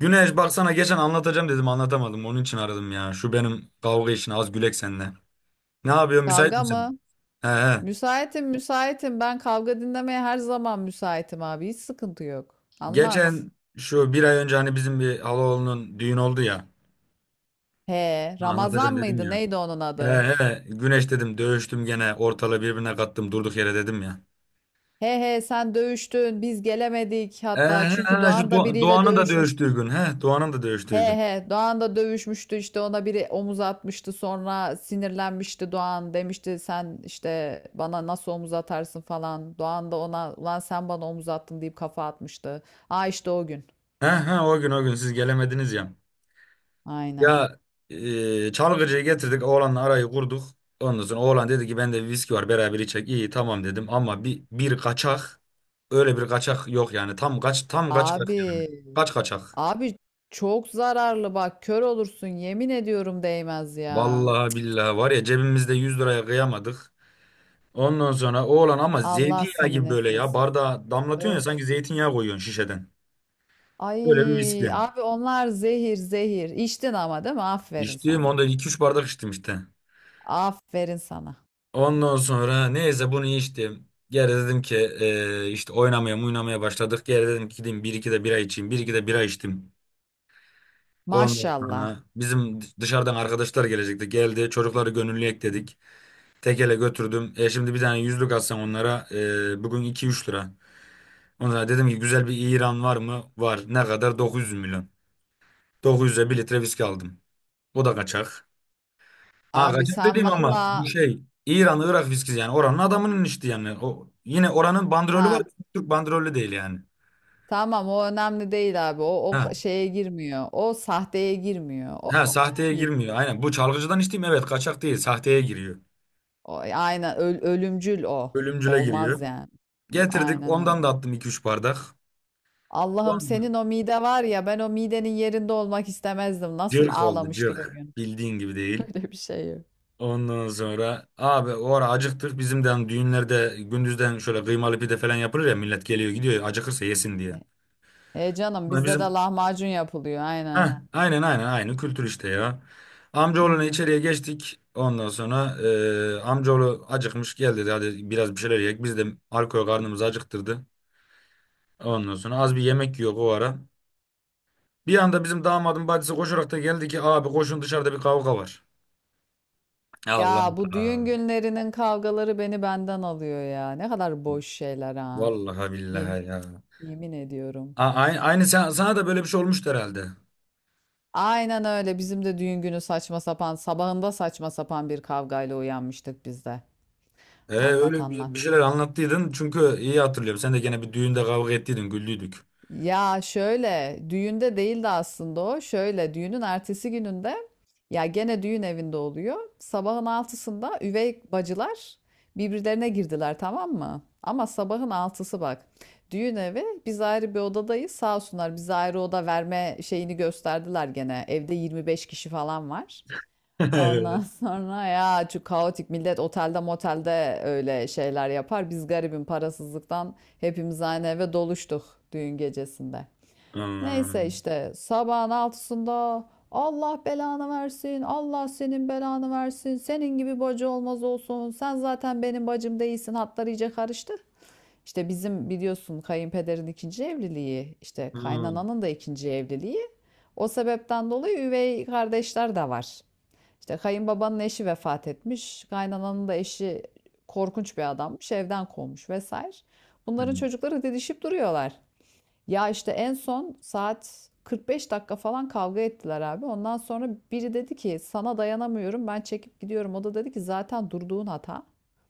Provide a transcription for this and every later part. Güneş baksana geçen anlatacağım dedim anlatamadım. Onun için aradım ya. Şu benim kavga işini az gülek seninle. Ne yapıyorsun müsait Kavga misin? mı? He he. Müsaitim, müsaitim. Ben kavga dinlemeye her zaman müsaitim abi. Hiç sıkıntı yok. Anlat. Geçen şu bir ay önce hani bizim bir halaoğlunun düğün oldu ya. He, Ramazan Anlatacağım dedim mıydı? ya. Neydi onun He adı? he. Güneş dedim dövüştüm gene ortalığı birbirine kattım durduk yere dedim ya. He he sen dövüştün. Biz gelemedik He hatta. he Çünkü he şu Doğan da Do- biriyle Doğan'ın da dövüşmüştü. dövüştüğü gün. He Doğan'ın da He dövüştüğü gün. he Doğan da dövüşmüştü işte ona biri omuz atmıştı sonra sinirlenmişti Doğan demişti sen işte bana nasıl omuz atarsın falan. Doğan da ona ulan sen bana omuz attın deyip kafa atmıştı. Aa işte o gün. He he o gün siz gelemediniz ya. Aynen. Ya çalgıcıyı getirdik oğlanla arayı kurduk. Ondan sonra oğlan dedi ki bende bir viski var beraber içecek. İyi tamam dedim ama bir kaçak öyle bir kaçak yok yani tam kaç yani. Abi Kaç kaçak. Abi çok zararlı bak kör olursun yemin ediyorum değmez ya. Vallahi billahi var ya cebimizde 100 liraya kıyamadık. Ondan sonra oğlan ama Allah zeytinyağı senin gibi böyle ya etmesin. bardağa damlatıyorsun ya sanki Öf. zeytinyağı koyuyorsun şişeden. Böyle bir Ay viski. abi onlar zehir zehir. İçtin ama değil mi? Aferin İçtim sana. onda iki üç bardak içtim işte. Aferin sana. Ondan sonra neyse bunu içtim. Geri dedim ki işte oynamaya oynamaya başladık. Geri dedim ki gideyim bir iki de bira içeyim. Bir iki de bira içtim. Ondan Maşallah. sonra bizim dışarıdan arkadaşlar gelecekti. Geldi çocukları gönüllü ekledik. Tekele götürdüm. E şimdi bir tane yüzlük atsam onlara bugün 2-3 lira. Ondan sonra dedim ki güzel bir İran var mı? Var. Ne kadar? 900 milyon. Aha. 900'e bir litre viski aldım. O da kaçak. Ha Abi kaçak sen dediğim ama bu valla şey İran Irak viskisi yani oranın adamının işte yani o yine oranın bandrolü var ha Türk bandrolü değil yani. tamam o önemli değil abi. O Ha, o şeye girmiyor. O sahteye girmiyor. O ha kaçağa sahteye girmiyor giriyor. aynen bu çalgıcıdan içtiğim evet kaçak değil sahteye giriyor. O aynen ölümcül o. Ölümcüle Olmaz giriyor. yani. Getirdik Aynen ondan da öyle. attım iki üç bardak. Allah'ım Ondan senin o mide var ya ben o midenin yerinde olmak istemezdim. Nasıl cırk oldu ağlamıştır o cırk gün. bildiğin gibi değil. Öyle bir şey yok. Ondan sonra abi o ara acıktık bizimden düğünlerde gündüzden şöyle kıymalı pide falan yapılır ya millet geliyor gidiyor acıkırsa yesin diye. E canım Ama bizde de Bizim lahmacun yapılıyor aynen. Heh, aynen aynen aynı kültür işte ya. Hı Amcaoğluna hı. içeriye geçtik. Ondan sonra amcaoğlu acıkmış gel dedi hadi biraz bir şeyler yiyek. Biz de alkol karnımızı acıktırdı. Ondan sonra az bir yemek yiyor o ara. Bir anda bizim damadın bacısı koşarak da geldi ki abi koşun dışarıda bir kavga var. Allah Ya bu düğün Allah. günlerinin kavgaları beni benden alıyor ya. Ne kadar boş şeyler ha. Vallahi Ye- billahi ya. Yemin ediyorum. Aynı, sana da böyle bir şey olmuştu herhalde. Aynen öyle. Bizim de düğün günü saçma sapan, sabahında saçma sapan bir kavgayla uyanmıştık biz de. Anlat Öyle bir anlat. şeyler anlattıydın çünkü iyi hatırlıyorum. Sen de gene bir düğünde kavga ettiydin güldüydük. Ya şöyle düğünde değildi aslında o. Şöyle düğünün ertesi gününde ya gene düğün evinde oluyor. Sabahın altısında üvey bacılar birbirlerine girdiler, tamam mı? Ama sabahın altısı bak. Düğün evi, biz ayrı bir odadayız. Sağ olsunlar bize ayrı oda verme şeyini gösterdiler gene. Evde 25 kişi falan var. Ondan Evet. sonra ya şu kaotik millet otelde motelde öyle şeyler yapar. Biz garibim parasızlıktan hepimiz aynı eve doluştuk düğün gecesinde. Neyse Hmm. işte sabahın altısında Allah belanı versin, Allah senin belanı versin, senin gibi bacı olmaz olsun, sen zaten benim bacım değilsin, hatlar iyice karıştı. İşte bizim biliyorsun kayınpederin ikinci evliliği, işte Hmm. kaynananın da ikinci evliliği. O sebepten dolayı üvey kardeşler de var. İşte kayınbabanın eşi vefat etmiş. Kaynananın da eşi korkunç bir adammış. Evden kovmuş vesaire. Bunların çocukları didişip duruyorlar. Ya işte en son saat 45 dakika falan kavga ettiler abi. Ondan sonra biri dedi ki sana dayanamıyorum, ben çekip gidiyorum. O da dedi ki zaten durduğun hata.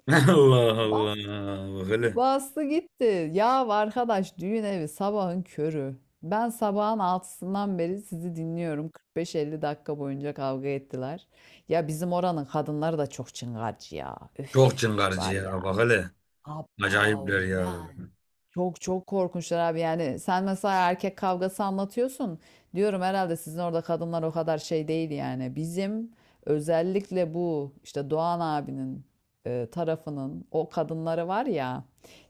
Allah Allah. Bas Bak hele. Bastı gitti. Ya arkadaş, düğün evi, sabahın körü. Ben sabahın altısından beri sizi dinliyorum. 45-50 dakika boyunca kavga ettiler. Ya bizim oranın kadınları da çok çıngarcı ya. Üf, Çok çıngarcı var ya. ya. Bak hele. Acayipler Abav ya. ya, çok çok korkunçlar abi. Yani sen mesela erkek kavgası anlatıyorsun, diyorum herhalde sizin orada kadınlar o kadar şey değil. Yani bizim, özellikle bu işte Doğan abinin tarafının o kadınları var ya,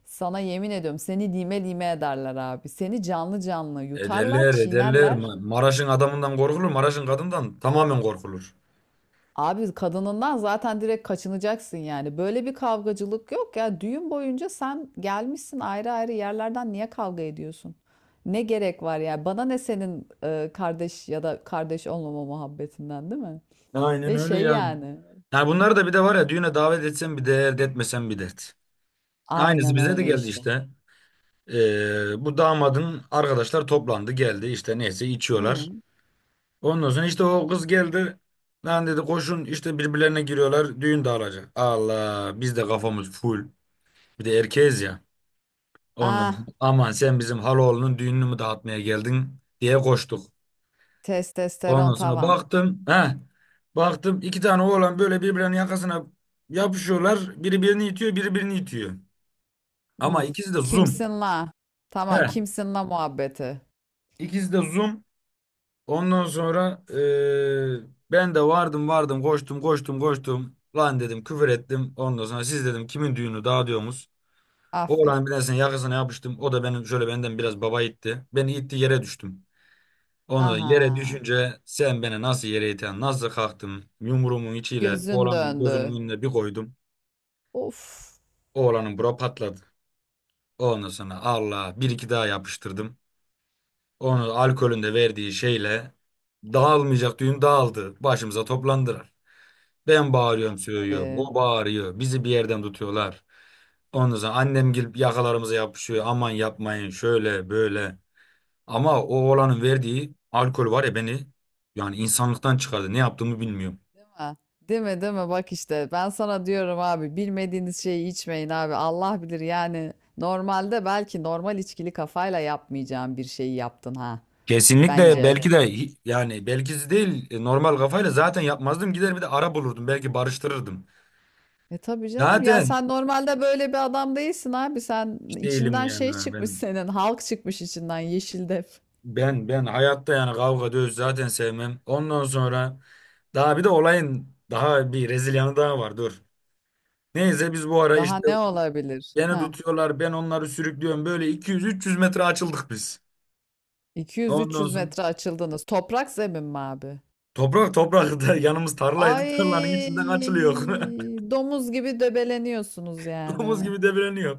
sana yemin ediyorum seni lime lime ederler abi, seni canlı canlı yutarlar, Ederler ederler. çiğnerler. Maraş'ın adamından korkulur. Maraş'ın kadından tamamen korkulur. Abi kadınından zaten direkt kaçınacaksın yani. Böyle bir kavgacılık yok ya. Düğün boyunca sen gelmişsin ayrı ayrı yerlerden, niye kavga ediyorsun? Ne gerek var ya? Bana ne senin kardeş ya da kardeş olmama muhabbetinden, değil mi? Aynen Ve öyle şey ya. yani. Yani bunları da bir de var ya düğüne davet etsen bir dert, etmesen bir dert. Aynısı Aynen bize de öyle geldi işte. işte. Bu damadın arkadaşlar toplandı geldi işte neyse Hı. içiyorlar. Ondan sonra işte o kız geldi. Lan dedi koşun işte birbirlerine giriyorlar düğün dağılacak. Allah biz de kafamız full. Bir de erkeğiz ya. Ondan Ah, sonra, aman sen bizim haloğlunun düğününü mü dağıtmaya geldin diye koştuk. Ondan testosteron sonra tavan. baktım. He, Baktım iki tane oğlan böyle birbirlerinin yakasına yapışıyorlar. Biri birini itiyor, biri birini itiyor. Hı. Ama ikisi de zoom. Kimsin la? He, Tamam, kimsin la muhabbeti. ikisi de zoom. Ondan sonra ben de vardım vardım koştum koştum koştum. Lan dedim küfür ettim. Ondan sonra siz dedim kimin düğünü dağıtıyorsunuz? Oğlan Aferin. birisinin yakasına yapıştım. O da benim şöyle benden biraz baba itti. Beni itti yere düştüm. Onu da yere Aha. düşünce sen beni nasıl yere iten, nasıl kalktım yumruğumun içiyle Gözün oğlanın gözünün döndü. önüne bir koydum. Of. Oğlanın bura patladı. Ondan sonra Allah bir iki daha yapıştırdım. Onu alkolün de verdiği şeyle dağılmayacak düğün dağıldı. Başımıza toplandılar. Ben bağırıyorum söylüyorum. Aferin. O bağırıyor. Bizi bir yerden tutuyorlar. Ondan sonra annem gelip yakalarımıza yapışıyor. Aman yapmayın şöyle böyle. Ama o oğlanın verdiği alkol var ya beni yani insanlıktan çıkardı. Ne yaptığımı bilmiyorum. Ha, değil mi değil mi? Bak işte ben sana diyorum abi, bilmediğiniz şeyi içmeyin abi. Allah bilir yani, normalde belki normal içkili kafayla yapmayacağın bir şeyi yaptın, ha, Kesinlikle bence. belki de yani belki de değil normal kafayla zaten yapmazdım gider bir de ara bulurdum belki barıştırırdım. E tabii canım ya, Zaten sen normalde böyle bir adam değilsin abi. Sen hiç değilim içinden şey yani çıkmış, ben senin halk çıkmış içinden yeşil def. ben ben hayatta yani kavga dövüş zaten sevmem. Ondan sonra daha bir de olayın daha bir rezil yanı daha var dur. Neyse biz bu ara Daha işte ne olabilir? beni Ha, tutuyorlar ben onları sürüklüyorum böyle 200-300 metre açıldık biz. Ondan 200-300 sonra metre açıldınız. Toprak zemin mi abi? toprak toprak da yanımız tarlaydı tarlanın Ay, içinden açılıyor. domuz gibi döbeleniyorsunuz Domuz yani. gibi devreniyor.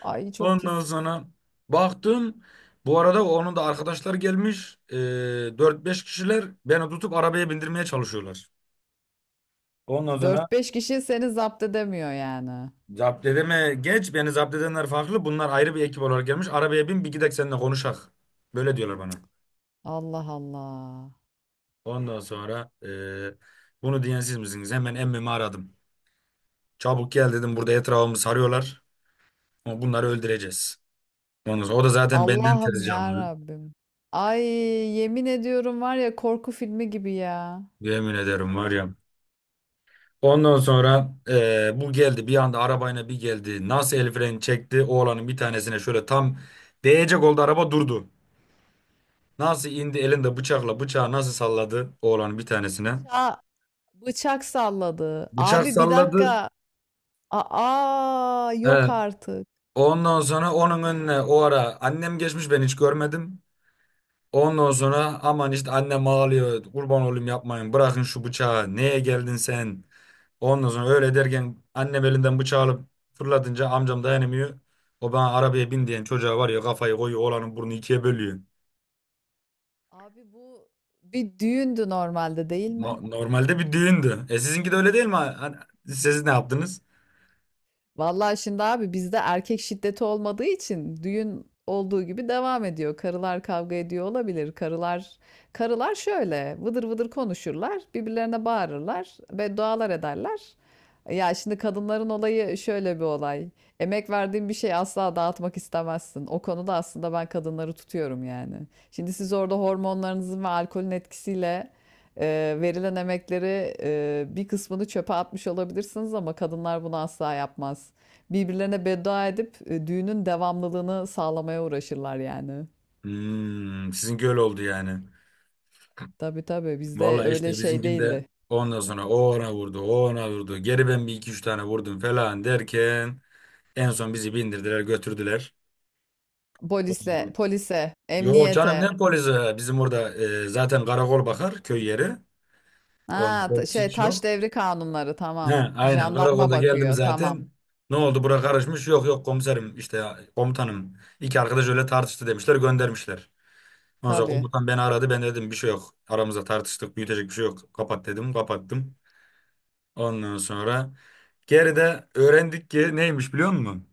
Ay çok Ondan pis. sonra baktım. Bu arada onun da arkadaşlar gelmiş. E, 4-5 kişiler beni tutup arabaya bindirmeye çalışıyorlar. Ondan sonra Dört beş kişi seni zapt edemiyor yani. zapt edeme geç. Beni zapt edenler farklı. Bunlar ayrı bir ekip olarak gelmiş. Arabaya bin bir gidek seninle konuşak. Böyle diyorlar bana. Allah Allah. Ondan sonra bunu diyen siz misiniz? Hemen emmimi aradım. Çabuk gel dedim. Burada etrafımı sarıyorlar. Ama bunları öldüreceğiz. Ondan sonra o da zaten benden Allah'ım tez ya canlı. Rabbim. Ay yemin ediyorum, var ya, korku filmi gibi ya. Yemin ederim var ya. Ondan sonra bu geldi bir anda arabayla bir geldi. Nasıl el freni çekti oğlanın bir tanesine şöyle tam değecek oldu araba durdu. Nasıl indi elinde bıçakla bıçağı nasıl salladı oğlanın bir tanesine. Ça Bıçak salladı. Bıçak Abi bir salladı. dakika. Aa, yok He. artık. Ondan sonra onun önüne o ara annem geçmiş ben hiç görmedim. Ondan sonra aman işte annem ağlıyor kurban olayım yapmayın bırakın şu bıçağı neye geldin sen. Ondan sonra öyle derken annem elinden bıçağı alıp fırlatınca amcam dayanamıyor. O bana arabaya bin diyen çocuğa var ya kafayı koyuyor oğlanın burnu ikiye bölüyor. Abi bu bir düğündü normalde, değil No- mi? normalde bir düğündü. E sizinki de öyle değil mi? Hani siz ne yaptınız? Vallahi şimdi abi, bizde erkek şiddeti olmadığı için düğün olduğu gibi devam ediyor. Karılar kavga ediyor olabilir. Karılar şöyle vıdır vıdır konuşurlar, birbirlerine bağırırlar, beddualar ederler. Ya şimdi kadınların olayı şöyle bir olay. Emek verdiğin bir şeyi asla dağıtmak istemezsin. O konuda aslında ben kadınları tutuyorum yani. Şimdi siz orada hormonlarınızın ve alkolün etkisiyle verilen emekleri, bir kısmını çöpe atmış olabilirsiniz ama kadınlar bunu asla yapmaz. Birbirlerine beddua edip düğünün devamlılığını sağlamaya uğraşırlar yani. Hmm, sizinki öyle oldu yani. Tabii tabii bizde Vallahi öyle işte şey bizimkinde değildi. ondan sonra o ona vurdu, o ona vurdu. Geri ben bir iki üç tane vurdum falan derken en son bizi bindirdiler götürdüler. Polisle, polise, Yok canım ne emniyete. polisi? Bizim orada zaten karakol bakar köy yeri. Onun Ha, polisi şey, hiç taş yok. devri kanunları, tamam. Ha, aynen Jandarma karakolda geldim bakıyor, tamam. zaten. Ne oldu bura karışmış? Yok yok komiserim işte komutanım. İki arkadaş öyle tartıştı demişler göndermişler. Ondan sonra Tabii. komutan beni aradı ben dedim bir şey yok. Aramızda tartıştık büyütecek bir şey yok. Kapat dedim kapattım. Ondan sonra geride öğrendik ki neymiş biliyor musun?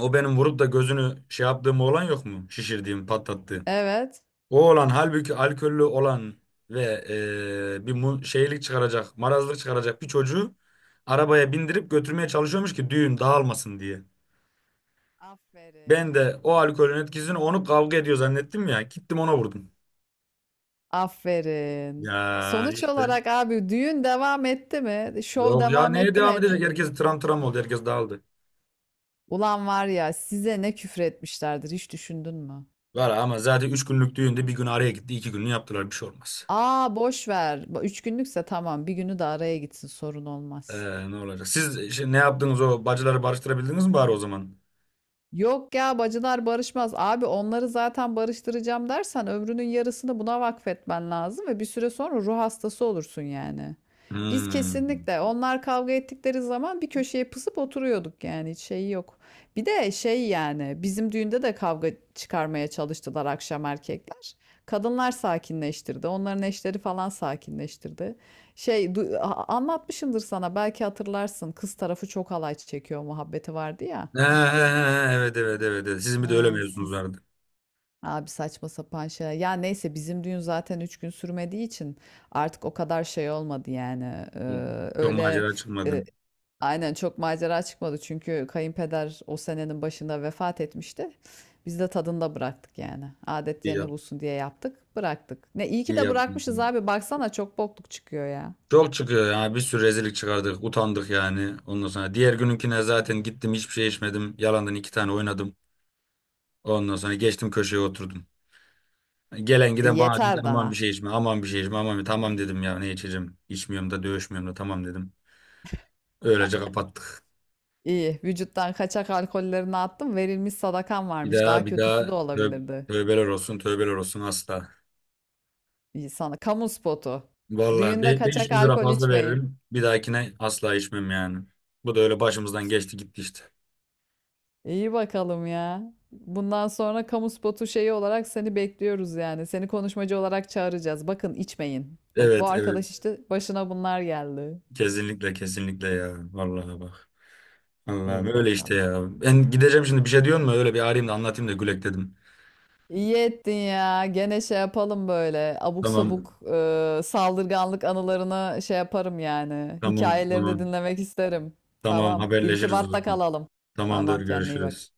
O benim vurup da gözünü şey yaptığım olan yok mu? Şişirdiğim patlattığım. Evet. O olan halbuki alkollü olan ve bir şeylik çıkaracak, marazlık çıkaracak bir çocuğu arabaya bindirip götürmeye çalışıyormuş ki düğün dağılmasın diye. Ben de Aferin. o alkolün etkisini onu kavga ediyor zannettim ya. Gittim ona vurdum. Aferin. Ya Sonuç işte. olarak abi, düğün devam etti mi? Şov Yok ya devam neye etti mi, devam edecek? etmedi mi? Herkes tram tram oldu. Herkes dağıldı. Ulan var ya, size ne küfür etmişlerdir hiç düşündün mü? Var ama zaten 3 günlük düğünde bir gün araya gitti. 2 gününü yaptılar. Bir şey olmaz. Aa boş ver. Bu üç günlükse tamam, bir günü de araya gitsin, sorun olmaz. Ne olacak? Siz işte ne yaptınız o bacıları barıştırabildiniz mi bari o zaman? Yok ya, bacılar barışmaz. Abi onları zaten barıştıracağım dersen ömrünün yarısını buna vakfetmen lazım ve bir süre sonra ruh hastası olursun yani. Biz Hmm. kesinlikle onlar kavga ettikleri zaman bir köşeye pısıp oturuyorduk, yani hiç şey yok. Bir de şey yani, bizim düğünde de kavga çıkarmaya çalıştılar akşam erkekler. Kadınlar sakinleştirdi. Onların eşleri falan sakinleştirdi. Şey anlatmışımdır sana, belki hatırlarsın. Kız tarafı çok alay çekiyor muhabbeti vardı ya. Ha, ha, ha, evet evet evet. Evet. Sizin bir de öyle Ee, mevzunuz vardı. Abi saçma sapan şey. Ya neyse bizim düğün zaten 3 gün sürmediği için artık o kadar şey olmadı yani. Ee, Hı. Çok öyle macera çıkmadı. e, aynen, çok macera çıkmadı. Çünkü kayınpeder o senenin başında vefat etmişti. Biz de tadında bıraktık yani. Adet İyi yerine yap, bulsun diye yaptık, bıraktık. Ne iyi ki iyi de bırakmışız yapmışsınız. abi. Baksana çok bokluk çıkıyor ya. Çok çıkıyor ya. Bir sürü rezillik çıkardık. Utandık yani. Ondan sonra diğer gününkine zaten gittim hiçbir şey içmedim. Yalandan iki tane oynadım. Ondan sonra geçtim köşeye oturdum. Gelen E, giden bana dedi yeter aman daha. bir şey içme, aman bir şey içme, aman bir şey." tamam dedim ya ne içeceğim. İçmiyorum da dövüşmüyorum da tamam dedim. Öylece kapattık. İyi. Vücuttan kaçak alkollerini attım. Verilmiş sadakan Bir varmış. Daha daha bir kötüsü de daha tö- olabilirdi. tövbeler olsun tövbeler olsun asla. Sana. Kamu spotu. Vallahi Düğünde kaçak 500 lira alkol fazla içmeyin. veririm. Bir dahakine asla içmem yani. Bu da öyle başımızdan geçti gitti işte. İyi bakalım ya. Bundan sonra kamu spotu şeyi olarak seni bekliyoruz yani. Seni konuşmacı olarak çağıracağız. Bakın içmeyin. Bak bu Evet arkadaş evet. işte, başına bunlar geldi. Kesinlikle kesinlikle ya. Vallahi bak. Allah'ım İyi öyle işte bakalım. ya. Ben gideceğim şimdi bir şey diyor mu? Öyle bir arayayım da anlatayım da gülek dedim. İyi ettin ya. Gene şey yapalım böyle. Abuk Tamam. sabuk saldırganlık anılarını şey yaparım yani. Tamam Hikayelerini tamam. dinlemek isterim. Tamam Tamam. haberleşiriz o İrtibatta zaman. kalalım. Tamamdır Tamam, kendine iyi görüşürüz. bak.